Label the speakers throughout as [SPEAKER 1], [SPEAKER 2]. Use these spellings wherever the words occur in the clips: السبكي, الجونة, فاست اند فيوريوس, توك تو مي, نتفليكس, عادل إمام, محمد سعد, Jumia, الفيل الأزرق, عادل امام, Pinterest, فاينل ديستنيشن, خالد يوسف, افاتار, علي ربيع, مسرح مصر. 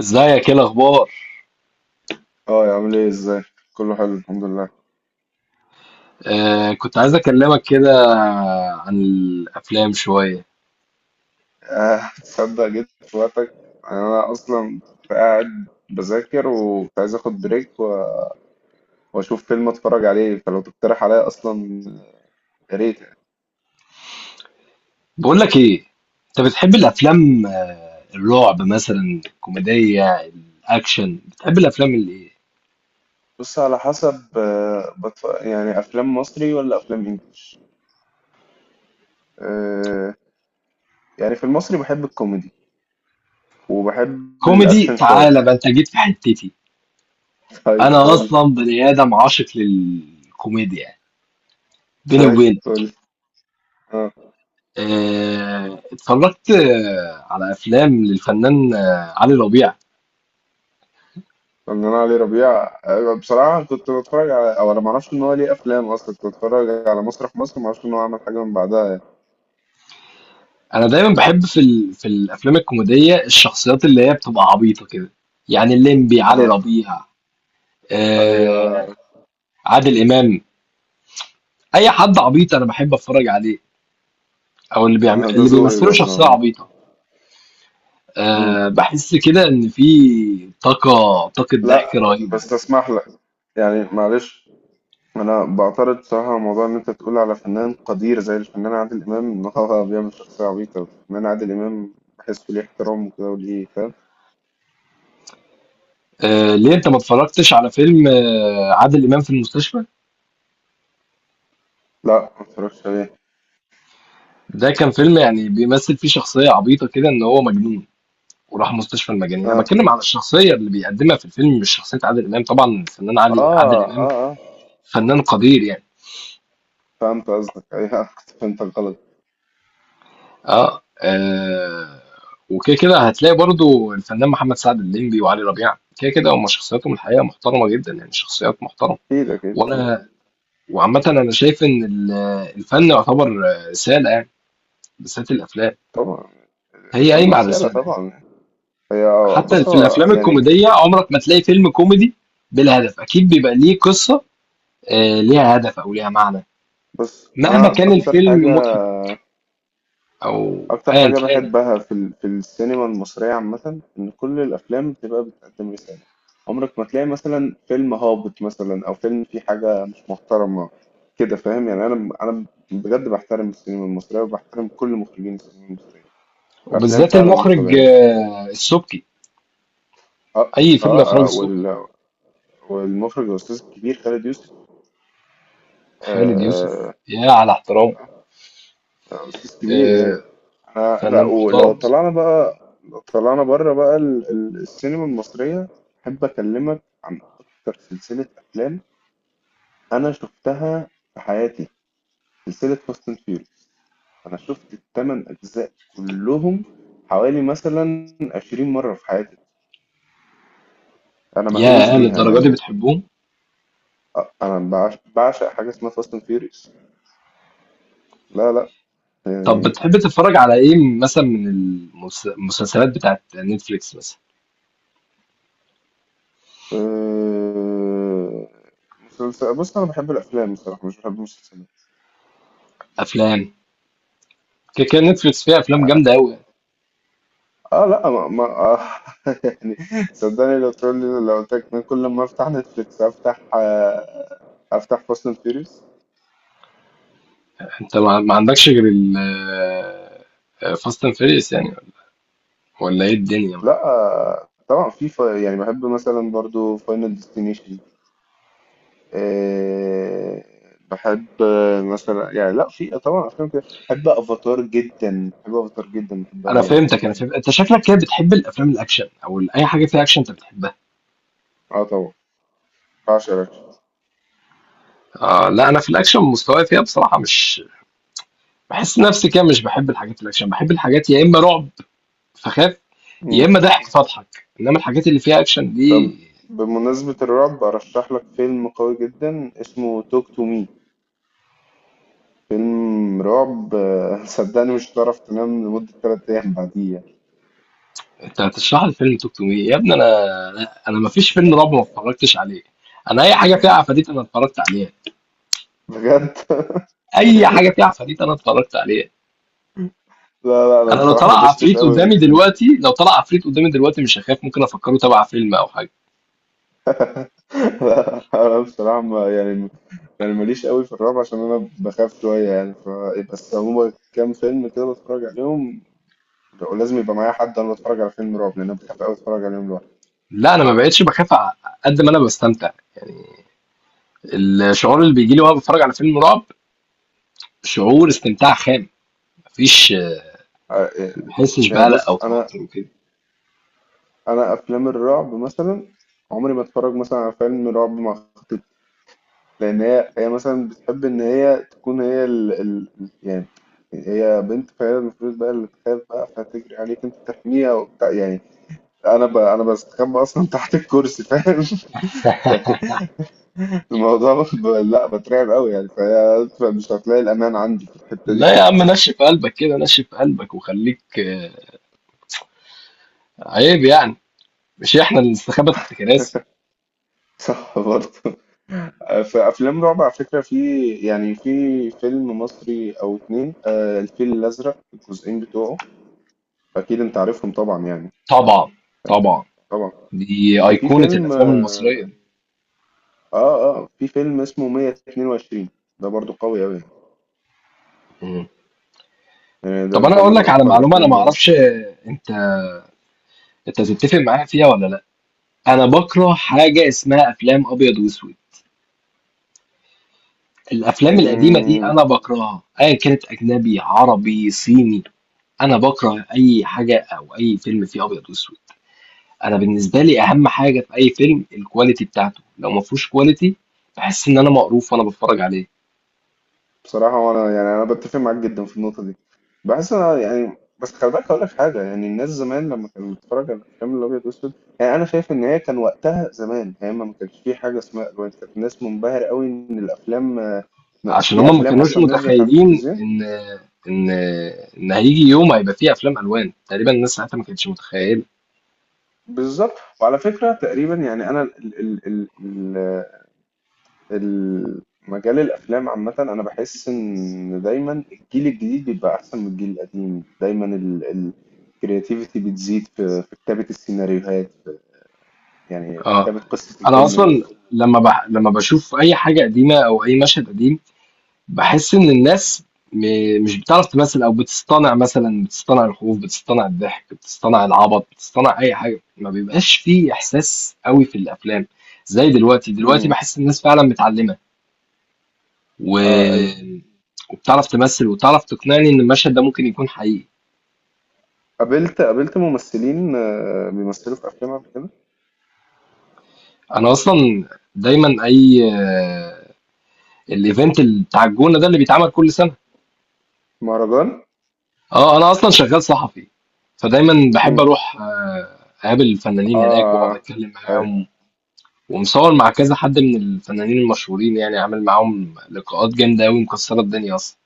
[SPEAKER 1] ازيك؟ ايه الاخبار؟
[SPEAKER 2] اه يا عامل ايه ازاي؟ كله حلو الحمد لله.
[SPEAKER 1] كنت عايز اكلمك كده عن الافلام شويه.
[SPEAKER 2] تصدق جيت في وقتك، انا اصلا كنت قاعد بذاكر وكنت عايز اخد بريك واشوف فيلم اتفرج عليه، فلو تقترح عليا اصلا يا ريت يعني.
[SPEAKER 1] بقول لك ايه، انت بتحب الافلام، الرعب مثلا، الكوميديه، الاكشن؟ بتحب الافلام اللي ايه؟
[SPEAKER 2] بص، على حسب، يعني افلام مصري ولا افلام انجليش؟ آه. يعني في المصري بحب الكوميدي وبحب
[SPEAKER 1] كوميدي؟
[SPEAKER 2] الاكشن شوية.
[SPEAKER 1] تعالى بقى، انت جيت في حتتي.
[SPEAKER 2] طيب
[SPEAKER 1] انا
[SPEAKER 2] قول.
[SPEAKER 1] اصلا بني ادم عاشق للكوميديا، بيني
[SPEAKER 2] طيب
[SPEAKER 1] وبينك.
[SPEAKER 2] قول.
[SPEAKER 1] اتفرجت على افلام للفنان علي ربيع.
[SPEAKER 2] فنان علي ربيع، أه، بصراحة كنت بتفرج على، أو أنا معرفش إن هو ليه أفلام أصلا، كنت بتفرج على مسرح مصر، معرفش إن هو عمل حاجة من بعدها يعني.
[SPEAKER 1] انا دايما بحب في الافلام الكوميديه الشخصيات اللي هي بتبقى عبيطه كده، يعني الليمبي، علي
[SPEAKER 2] آه،
[SPEAKER 1] ربيع، آه...
[SPEAKER 2] أيوه.
[SPEAKER 1] عادل امام. اي حد عبيط انا بحب اتفرج عليه، او اللي بيعمل،
[SPEAKER 2] آه، ده
[SPEAKER 1] اللي
[SPEAKER 2] ذوقي
[SPEAKER 1] بيمثلوا
[SPEAKER 2] برضه
[SPEAKER 1] شخصيه
[SPEAKER 2] عامة.
[SPEAKER 1] عبيطه.
[SPEAKER 2] مم.
[SPEAKER 1] بحس كده ان في طاقه طاقه ضحك
[SPEAKER 2] لا
[SPEAKER 1] رهيبه.
[SPEAKER 2] بس تسمح لك، يعني معلش، أنا بعترض بصراحة على موضوع إن أنت تقول على فنان قدير زي الفنان عادل إمام إن هو بيعمل شخصية عبيطة. الفنان عادل إمام بحسه ليه احترام وكده وليه، فاهم؟
[SPEAKER 1] ليه انت ما اتفرجتش على فيلم عادل امام في المستشفى؟
[SPEAKER 2] لا ما اتفرجش عليه.
[SPEAKER 1] ده كان فيلم يعني بيمثل فيه شخصيه عبيطه كده ان هو مجنون، وراح مستشفى المجانين. انا
[SPEAKER 2] آه
[SPEAKER 1] بتكلم على الشخصيه اللي بيقدمها في الفيلم، مش شخصيه عادل امام. طبعا الفنان عادل
[SPEAKER 2] آه آه.
[SPEAKER 1] امام
[SPEAKER 2] آه،
[SPEAKER 1] فنان قدير يعني.
[SPEAKER 2] فهمت قصدك أيوه، كنت فهمتك غلط.
[SPEAKER 1] اه، آه. وكده كده هتلاقي برضو الفنان محمد سعد، الليمبي، وعلي ربيع، كده كده هم شخصياتهم الحقيقه محترمه جدا، يعني شخصيات محترمه.
[SPEAKER 2] أكيد أكيد.
[SPEAKER 1] وانا وعامه انا شايف ان الفن يعتبر رساله يعني، بالذات الافلام.
[SPEAKER 2] طبعا.
[SPEAKER 1] هي
[SPEAKER 2] الفن
[SPEAKER 1] قايمه على
[SPEAKER 2] رسالة
[SPEAKER 1] الرساله.
[SPEAKER 2] طبعا. هي.
[SPEAKER 1] حتى
[SPEAKER 2] بص
[SPEAKER 1] في
[SPEAKER 2] هو
[SPEAKER 1] الافلام
[SPEAKER 2] يعني.
[SPEAKER 1] الكوميديه عمرك ما تلاقي فيلم كوميدي بلا هدف، اكيد بيبقى ليه قصه، ليها هدف او ليها معنى،
[SPEAKER 2] بص
[SPEAKER 1] مهما
[SPEAKER 2] أنا
[SPEAKER 1] كان
[SPEAKER 2] أكتر
[SPEAKER 1] الفيلم
[SPEAKER 2] حاجة،
[SPEAKER 1] مضحك او
[SPEAKER 2] أكتر
[SPEAKER 1] ايا
[SPEAKER 2] حاجة
[SPEAKER 1] كان.
[SPEAKER 2] بحبها في السينما المصرية عامة، إن كل الأفلام بتبقى بتقدم رسالة. عمرك ما تلاقي مثلا فيلم هابط مثلا أو فيلم فيه حاجة مش محترمة كده، فاهم يعني؟ أنا بجد بحترم السينما المصرية وبحترم كل مخرجين السينما المصرية. الأفلام
[SPEAKER 1] وبالذات
[SPEAKER 2] فعلا مش
[SPEAKER 1] المخرج
[SPEAKER 2] طبيعية.
[SPEAKER 1] السبكي،
[SPEAKER 2] أه
[SPEAKER 1] اي فيلم
[SPEAKER 2] أه.
[SPEAKER 1] اخراج
[SPEAKER 2] آه،
[SPEAKER 1] السبكي.
[SPEAKER 2] والمخرج الأستاذ الكبير خالد يوسف.
[SPEAKER 1] خالد يوسف
[SPEAKER 2] آه،
[SPEAKER 1] يا على احترام،
[SPEAKER 2] استاذ كبير يعني.
[SPEAKER 1] آه،
[SPEAKER 2] انا لا،
[SPEAKER 1] فنان
[SPEAKER 2] ولو
[SPEAKER 1] محترم.
[SPEAKER 2] طلعنا بقى، لو طلعنا بره بقى السينما المصرية، احب اكلمك عن اكتر سلسلة افلام انا شفتها في حياتي. سلسلة فاست اند فيوريوس، انا شفت الثمان اجزاء كلهم حوالي مثلا 20 مرة في حياتي، انا مهووس
[SPEAKER 1] يا
[SPEAKER 2] بيها
[SPEAKER 1] للدرجه دي
[SPEAKER 2] يعني.
[SPEAKER 1] بتحبهم؟
[SPEAKER 2] انا بعشق حاجة اسمها فاست اند فيوريوس. لا لا
[SPEAKER 1] طب
[SPEAKER 2] يعني.
[SPEAKER 1] بتحب تتفرج على ايه مثلا من المسلسلات بتاعت نتفليكس مثلا؟
[SPEAKER 2] أه... مسلسل، بص انا بحب الافلام بصراحة مش بحب المسلسلات.
[SPEAKER 1] افلام. كده كده نتفليكس فيها افلام جامده قوي.
[SPEAKER 2] اه لا ما, ما آه يعني صدقني لو تقول لي، لو قلت لك إن كل ما افتح نتفليكس افتح افتح فاست اند فيوريوس.
[SPEAKER 1] انت ما عندكش غير ال فاست اند فيريس يعني، ولا ايه الدنيا؟
[SPEAKER 2] لا آه، طبعا في يعني بحب مثلا برضو فاينل ديستنيشن. آه، بحب آه، مثلا يعني، لا في طبعا افلام كده بحب افاتار جدا، بحب افاتار جدا، بحبها يعني.
[SPEAKER 1] انا فهمت انت شكلك كده بتحب الافلام الاكشن او اي حاجه فيها اكشن انت بتحبها.
[SPEAKER 2] اه طبعا، بعشق الأكشن.
[SPEAKER 1] لا انا في الاكشن مستواي فيها بصراحه مش، بحس نفسي كده مش بحب الحاجات الاكشن، بحب الحاجات يا اما رعب فخاف، يا
[SPEAKER 2] مم.
[SPEAKER 1] اما ضحك فاضحك، انما الحاجات اللي فيها اكشن
[SPEAKER 2] طب
[SPEAKER 1] دي.
[SPEAKER 2] بمناسبة الرعب أرشح لك فيلم قوي جدا اسمه توك تو مي، فيلم رعب آه، صدقني مش هتعرف تنام لمدة تلات أيام بعديها.
[SPEAKER 1] انت هتشرح لي فيلم توك تو مي يا ابني؟ لا انا ما فيش فيلم رعب ما اتفرجتش عليه. انا اي حاجه فيها عفاريت انا اتفرجت عليها،
[SPEAKER 2] بجد.
[SPEAKER 1] اي حاجه فيها عفاريت انا اتفرجت عليها.
[SPEAKER 2] لا لا، أنا
[SPEAKER 1] انا لو
[SPEAKER 2] بصراحة ما
[SPEAKER 1] طلع
[SPEAKER 2] دوستش
[SPEAKER 1] عفريت
[SPEAKER 2] أوي
[SPEAKER 1] قدامي
[SPEAKER 2] في
[SPEAKER 1] دلوقتي، لو طلع عفريت قدامي دلوقتي، مش هخاف، ممكن افكره تبع فيلم او حاجه.
[SPEAKER 2] لا أنا بصراحة ما، يعني ماليش قوي في الرعب عشان أنا بخاف شوية يعني ف... بس هما كام فيلم كده بتفرج عليهم، ولازم يبقى معايا حد، أنا بتفرج على فيلم رعب لأن أنا بخاف أوي أتفرج عليهم لوحدي.
[SPEAKER 1] لا انا ما بقتش بخاف قد ما انا بستمتع، الشعور اللي بيجي لي وانا بتفرج على فيلم رعب شعور استمتاع خام، مفيش،
[SPEAKER 2] آه،
[SPEAKER 1] ما
[SPEAKER 2] آه،
[SPEAKER 1] بحسش
[SPEAKER 2] يعني
[SPEAKER 1] بقلق او
[SPEAKER 2] بص أنا،
[SPEAKER 1] توتر وكده.
[SPEAKER 2] أنا أفلام الرعب مثلا عمري ما أتفرج مثلا على فيلم رعب مع، لأن هي مثلا بتحب إن هي تكون هي يعني، هي بنت فهي المفروض بقى اللي تخاف بقى، فهتجري عليك أنت تحميها وبتاع يعني. أنا بستخبى أصلا تحت الكرسي فاهم لا بترعب أوي يعني، فهي مش هتلاقي الأمان عندي في الحتة دي.
[SPEAKER 1] لا يا عم، نشف قلبك كده، نشف قلبك وخليك، عيب يعني، مش احنا اللي نستخبى تحت كراسي.
[SPEAKER 2] صح برضه. في أفلام رعب على فكرة، في يعني في فيلم مصري أو اتنين، آه، الفيل الأزرق الجزئين بتوعه، أكيد أنت عارفهم طبعا يعني.
[SPEAKER 1] طبعا، طبعا،
[SPEAKER 2] طبعا.
[SPEAKER 1] دي
[SPEAKER 2] وفي
[SPEAKER 1] ايقونة
[SPEAKER 2] فيلم
[SPEAKER 1] الافلام المصرية
[SPEAKER 2] آه،
[SPEAKER 1] دي.
[SPEAKER 2] اه اه في فيلم اسمه 122، ده برضو قوي أوي
[SPEAKER 1] مم.
[SPEAKER 2] يعني، ده
[SPEAKER 1] طب انا
[SPEAKER 2] ده
[SPEAKER 1] اقول
[SPEAKER 2] من
[SPEAKER 1] لك على
[SPEAKER 2] أقوى
[SPEAKER 1] معلومة، انا
[SPEAKER 2] الأفلام
[SPEAKER 1] ما
[SPEAKER 2] برضو.
[SPEAKER 1] اعرفش، انت تتفق معايا فيها ولا لا؟ انا بكره حاجة اسمها افلام ابيض واسود، الأفلام القديمة دي
[SPEAKER 2] مم،
[SPEAKER 1] أنا باكرهها، أيًا كانت أجنبي، عربي، صيني، أنا باكره أي حاجة أو أي فيلم فيه أبيض وأسود. أنا بالنسبة لي أهم حاجة في أي فيلم الكواليتي بتاعته، لو ما فيهوش كواليتي باحس إن أنا مقروف وأنا باتفرج عليه.
[SPEAKER 2] بصراحة وأنا يعني أنا بتفق معاك جدا في النقطة دي. بحس أنا يعني، بس خلي بالك هقول لك حاجة، يعني الناس زمان لما كانت بتتفرج على الأفلام الأبيض وأسود، يعني أنا شايف إن هي كان وقتها زمان، هي ما كانش في حاجة اسمها ألوان، كانت الناس منبهرة أوي إن الأفلام آه،
[SPEAKER 1] عشان
[SPEAKER 2] في
[SPEAKER 1] هما ما
[SPEAKER 2] أفلام
[SPEAKER 1] كانوش
[SPEAKER 2] أصلا نزلت على
[SPEAKER 1] متخيلين
[SPEAKER 2] التلفزيون.
[SPEAKER 1] إن إن إن هيجي يوم هيبقى فيه أفلام ألوان، تقريبًا الناس ساعتها ما كانتش متخيلة.
[SPEAKER 2] بالظبط. وعلى فكرة تقريبا يعني أنا ال ال ال- مجال الافلام عامه، انا بحس ان دايما الجيل الجديد بيبقى احسن من الجيل القديم دايما. الكرياتيفيتي بتزيد في، في كتابه السيناريوهات، في يعني في كتابه
[SPEAKER 1] آه،
[SPEAKER 2] قصه
[SPEAKER 1] أنا
[SPEAKER 2] الفيلم
[SPEAKER 1] أصلًا
[SPEAKER 2] نفسه.
[SPEAKER 1] لما باشوف أي حاجة قديمة أو أي مشهد قديم، باحس إن الناس م مش بتعرف تمثّل أو بتصطنع، مثلًا بتصطنع الخوف، بتصطنع الضحك، بتصطنع العبط، بتصطنع أي حاجة، ما بيبقاش في إحساس أوي في الأفلام، زي دلوقتي، دلوقتي
[SPEAKER 2] امم.
[SPEAKER 1] باحس الناس فعلًا متعلّمة و
[SPEAKER 2] اه ايوه.
[SPEAKER 1] وبتعرف تمثّل وبتعرف تقنعني إن المشهد ده ممكن يكون حقيقي.
[SPEAKER 2] قابلت ممثلين آه، بيمثلوا في افلام قبل كده.
[SPEAKER 1] أنا أصلًا دايمًا أي الevent بتاع الجونة ده اللي بيتعمل كل سنة،
[SPEAKER 2] مهرجان.
[SPEAKER 1] أنا أصلًا شغّال صحفي، فدايمًا باحب
[SPEAKER 2] امم.
[SPEAKER 1] أروح أقابل الفنانين هناك وأقعد
[SPEAKER 2] اه
[SPEAKER 1] أتكلّم
[SPEAKER 2] أيوة.
[SPEAKER 1] معاهم، ومصور مع كذا حد من الفنانين المشهورين، يعني عامل معاهم لقاءات جامدة أوي مكسرة الدنيا أصلا.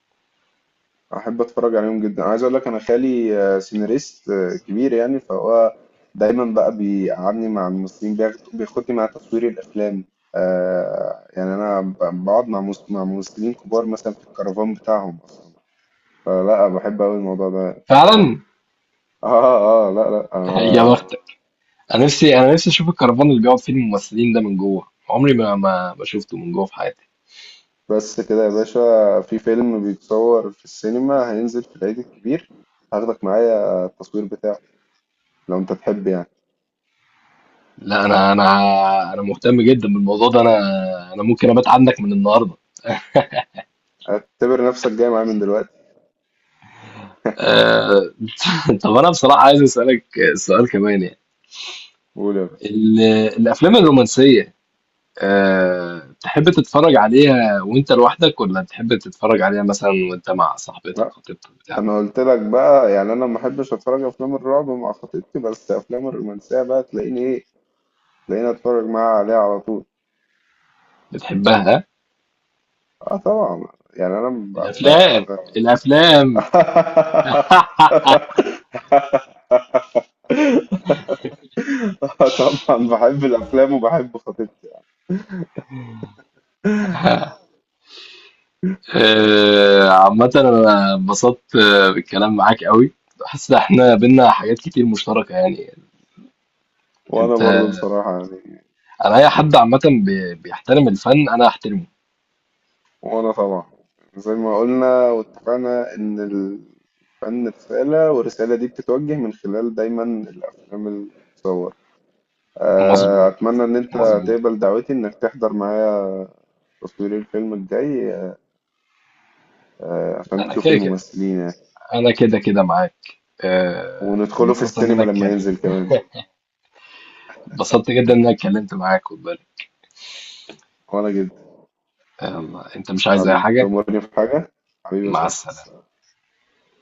[SPEAKER 2] احب اتفرج عليهم جدا. عايز اقول لك انا خالي آه، سيناريست آه، كبير يعني، فهو دايما بقى بيقعدني مع الممثلين، بياخدني مع تصوير الافلام، آه يعني انا بقعد مع مع ممثلين كبار مثلا في الكرفان بتاعهم، فلا بحب قوي الموضوع ده.
[SPEAKER 1] فعلا.
[SPEAKER 2] اه اه لا لا
[SPEAKER 1] يا
[SPEAKER 2] آه.
[SPEAKER 1] بختك. أنا نفسي أشوف الكرفان اللي بيقعد فيه الممثلين ده من جوه، عمري ما شفته من جوه في حياتي.
[SPEAKER 2] بس كده يا باشا، في فيلم بيتصور في السينما هينزل في العيد الكبير، هاخدك معايا. آه، التصوير بتاعه لو انت تحب يعني.
[SPEAKER 1] لا أنا مهتم جدا بالموضوع ده، أنا أنا ممكن أبات عندك من النهاردة.
[SPEAKER 2] اعتبر نفسك جاي معايا من دلوقتي.
[SPEAKER 1] أه. طب أنا بصراحة عايز أسألك سؤال كمان يعني،
[SPEAKER 2] قول يا باشا.
[SPEAKER 1] ال- الأفلام الرومانسية، تحب تتفرج عليها وانت لوحدك ولا تحب تتفرج عليها مثلا وانت مع صاحبتك،
[SPEAKER 2] لا
[SPEAKER 1] خطيبتك، بتاع؟
[SPEAKER 2] انا قلت لك بقى يعني انا ما احبش اتفرج افلام الرعب مع خطيبتي، بس افلام الرومانسيه بقى تلاقيني ايه، تلاقيني اتفرج معاها عليها على طول.
[SPEAKER 1] بتحبها؟
[SPEAKER 2] اه طبعا، يعني انا
[SPEAKER 1] الافلام، الافلام.
[SPEAKER 2] طبعا بحب الافلام وبحب خطيبتي.
[SPEAKER 1] عامة انا انبسطت بالكلام معاك قوي، حاسس ان احنا بينا حاجات كتير مشتركة يعني.
[SPEAKER 2] وانا
[SPEAKER 1] انت
[SPEAKER 2] برضو بصراحه يعني.
[SPEAKER 1] انا اي حد عامة بيحترم الفن انا احترمه.
[SPEAKER 2] وانا طبعا زي ما قلنا واتفقنا ان الفن رساله والرساله دي بتتوجه من خلال دايما الافلام اللي بتتصور. آه،
[SPEAKER 1] مظبوط،
[SPEAKER 2] أتمنى إن أنت
[SPEAKER 1] مظبوط.
[SPEAKER 2] تقبل دعوتي إنك تحضر معايا تصوير الفيلم الجاي، آه، عشان
[SPEAKER 1] انا
[SPEAKER 2] تشوف
[SPEAKER 1] كده كده
[SPEAKER 2] الممثلين يعني،
[SPEAKER 1] انا كده كده معاك،
[SPEAKER 2] وندخله في
[SPEAKER 1] اتبسطت ان انا
[SPEAKER 2] السينما لما
[SPEAKER 1] اتكلم،
[SPEAKER 2] ينزل كمان.
[SPEAKER 1] اتبسطت جدا ان انا اتكلمت معاك.
[SPEAKER 2] وأنا جدا،
[SPEAKER 1] انت مش عايز اي
[SPEAKER 2] حبيبي
[SPEAKER 1] حاجة؟
[SPEAKER 2] تأمرني في حاجة، حبيبي يا
[SPEAKER 1] مع السلامة.
[SPEAKER 2] صاحبي.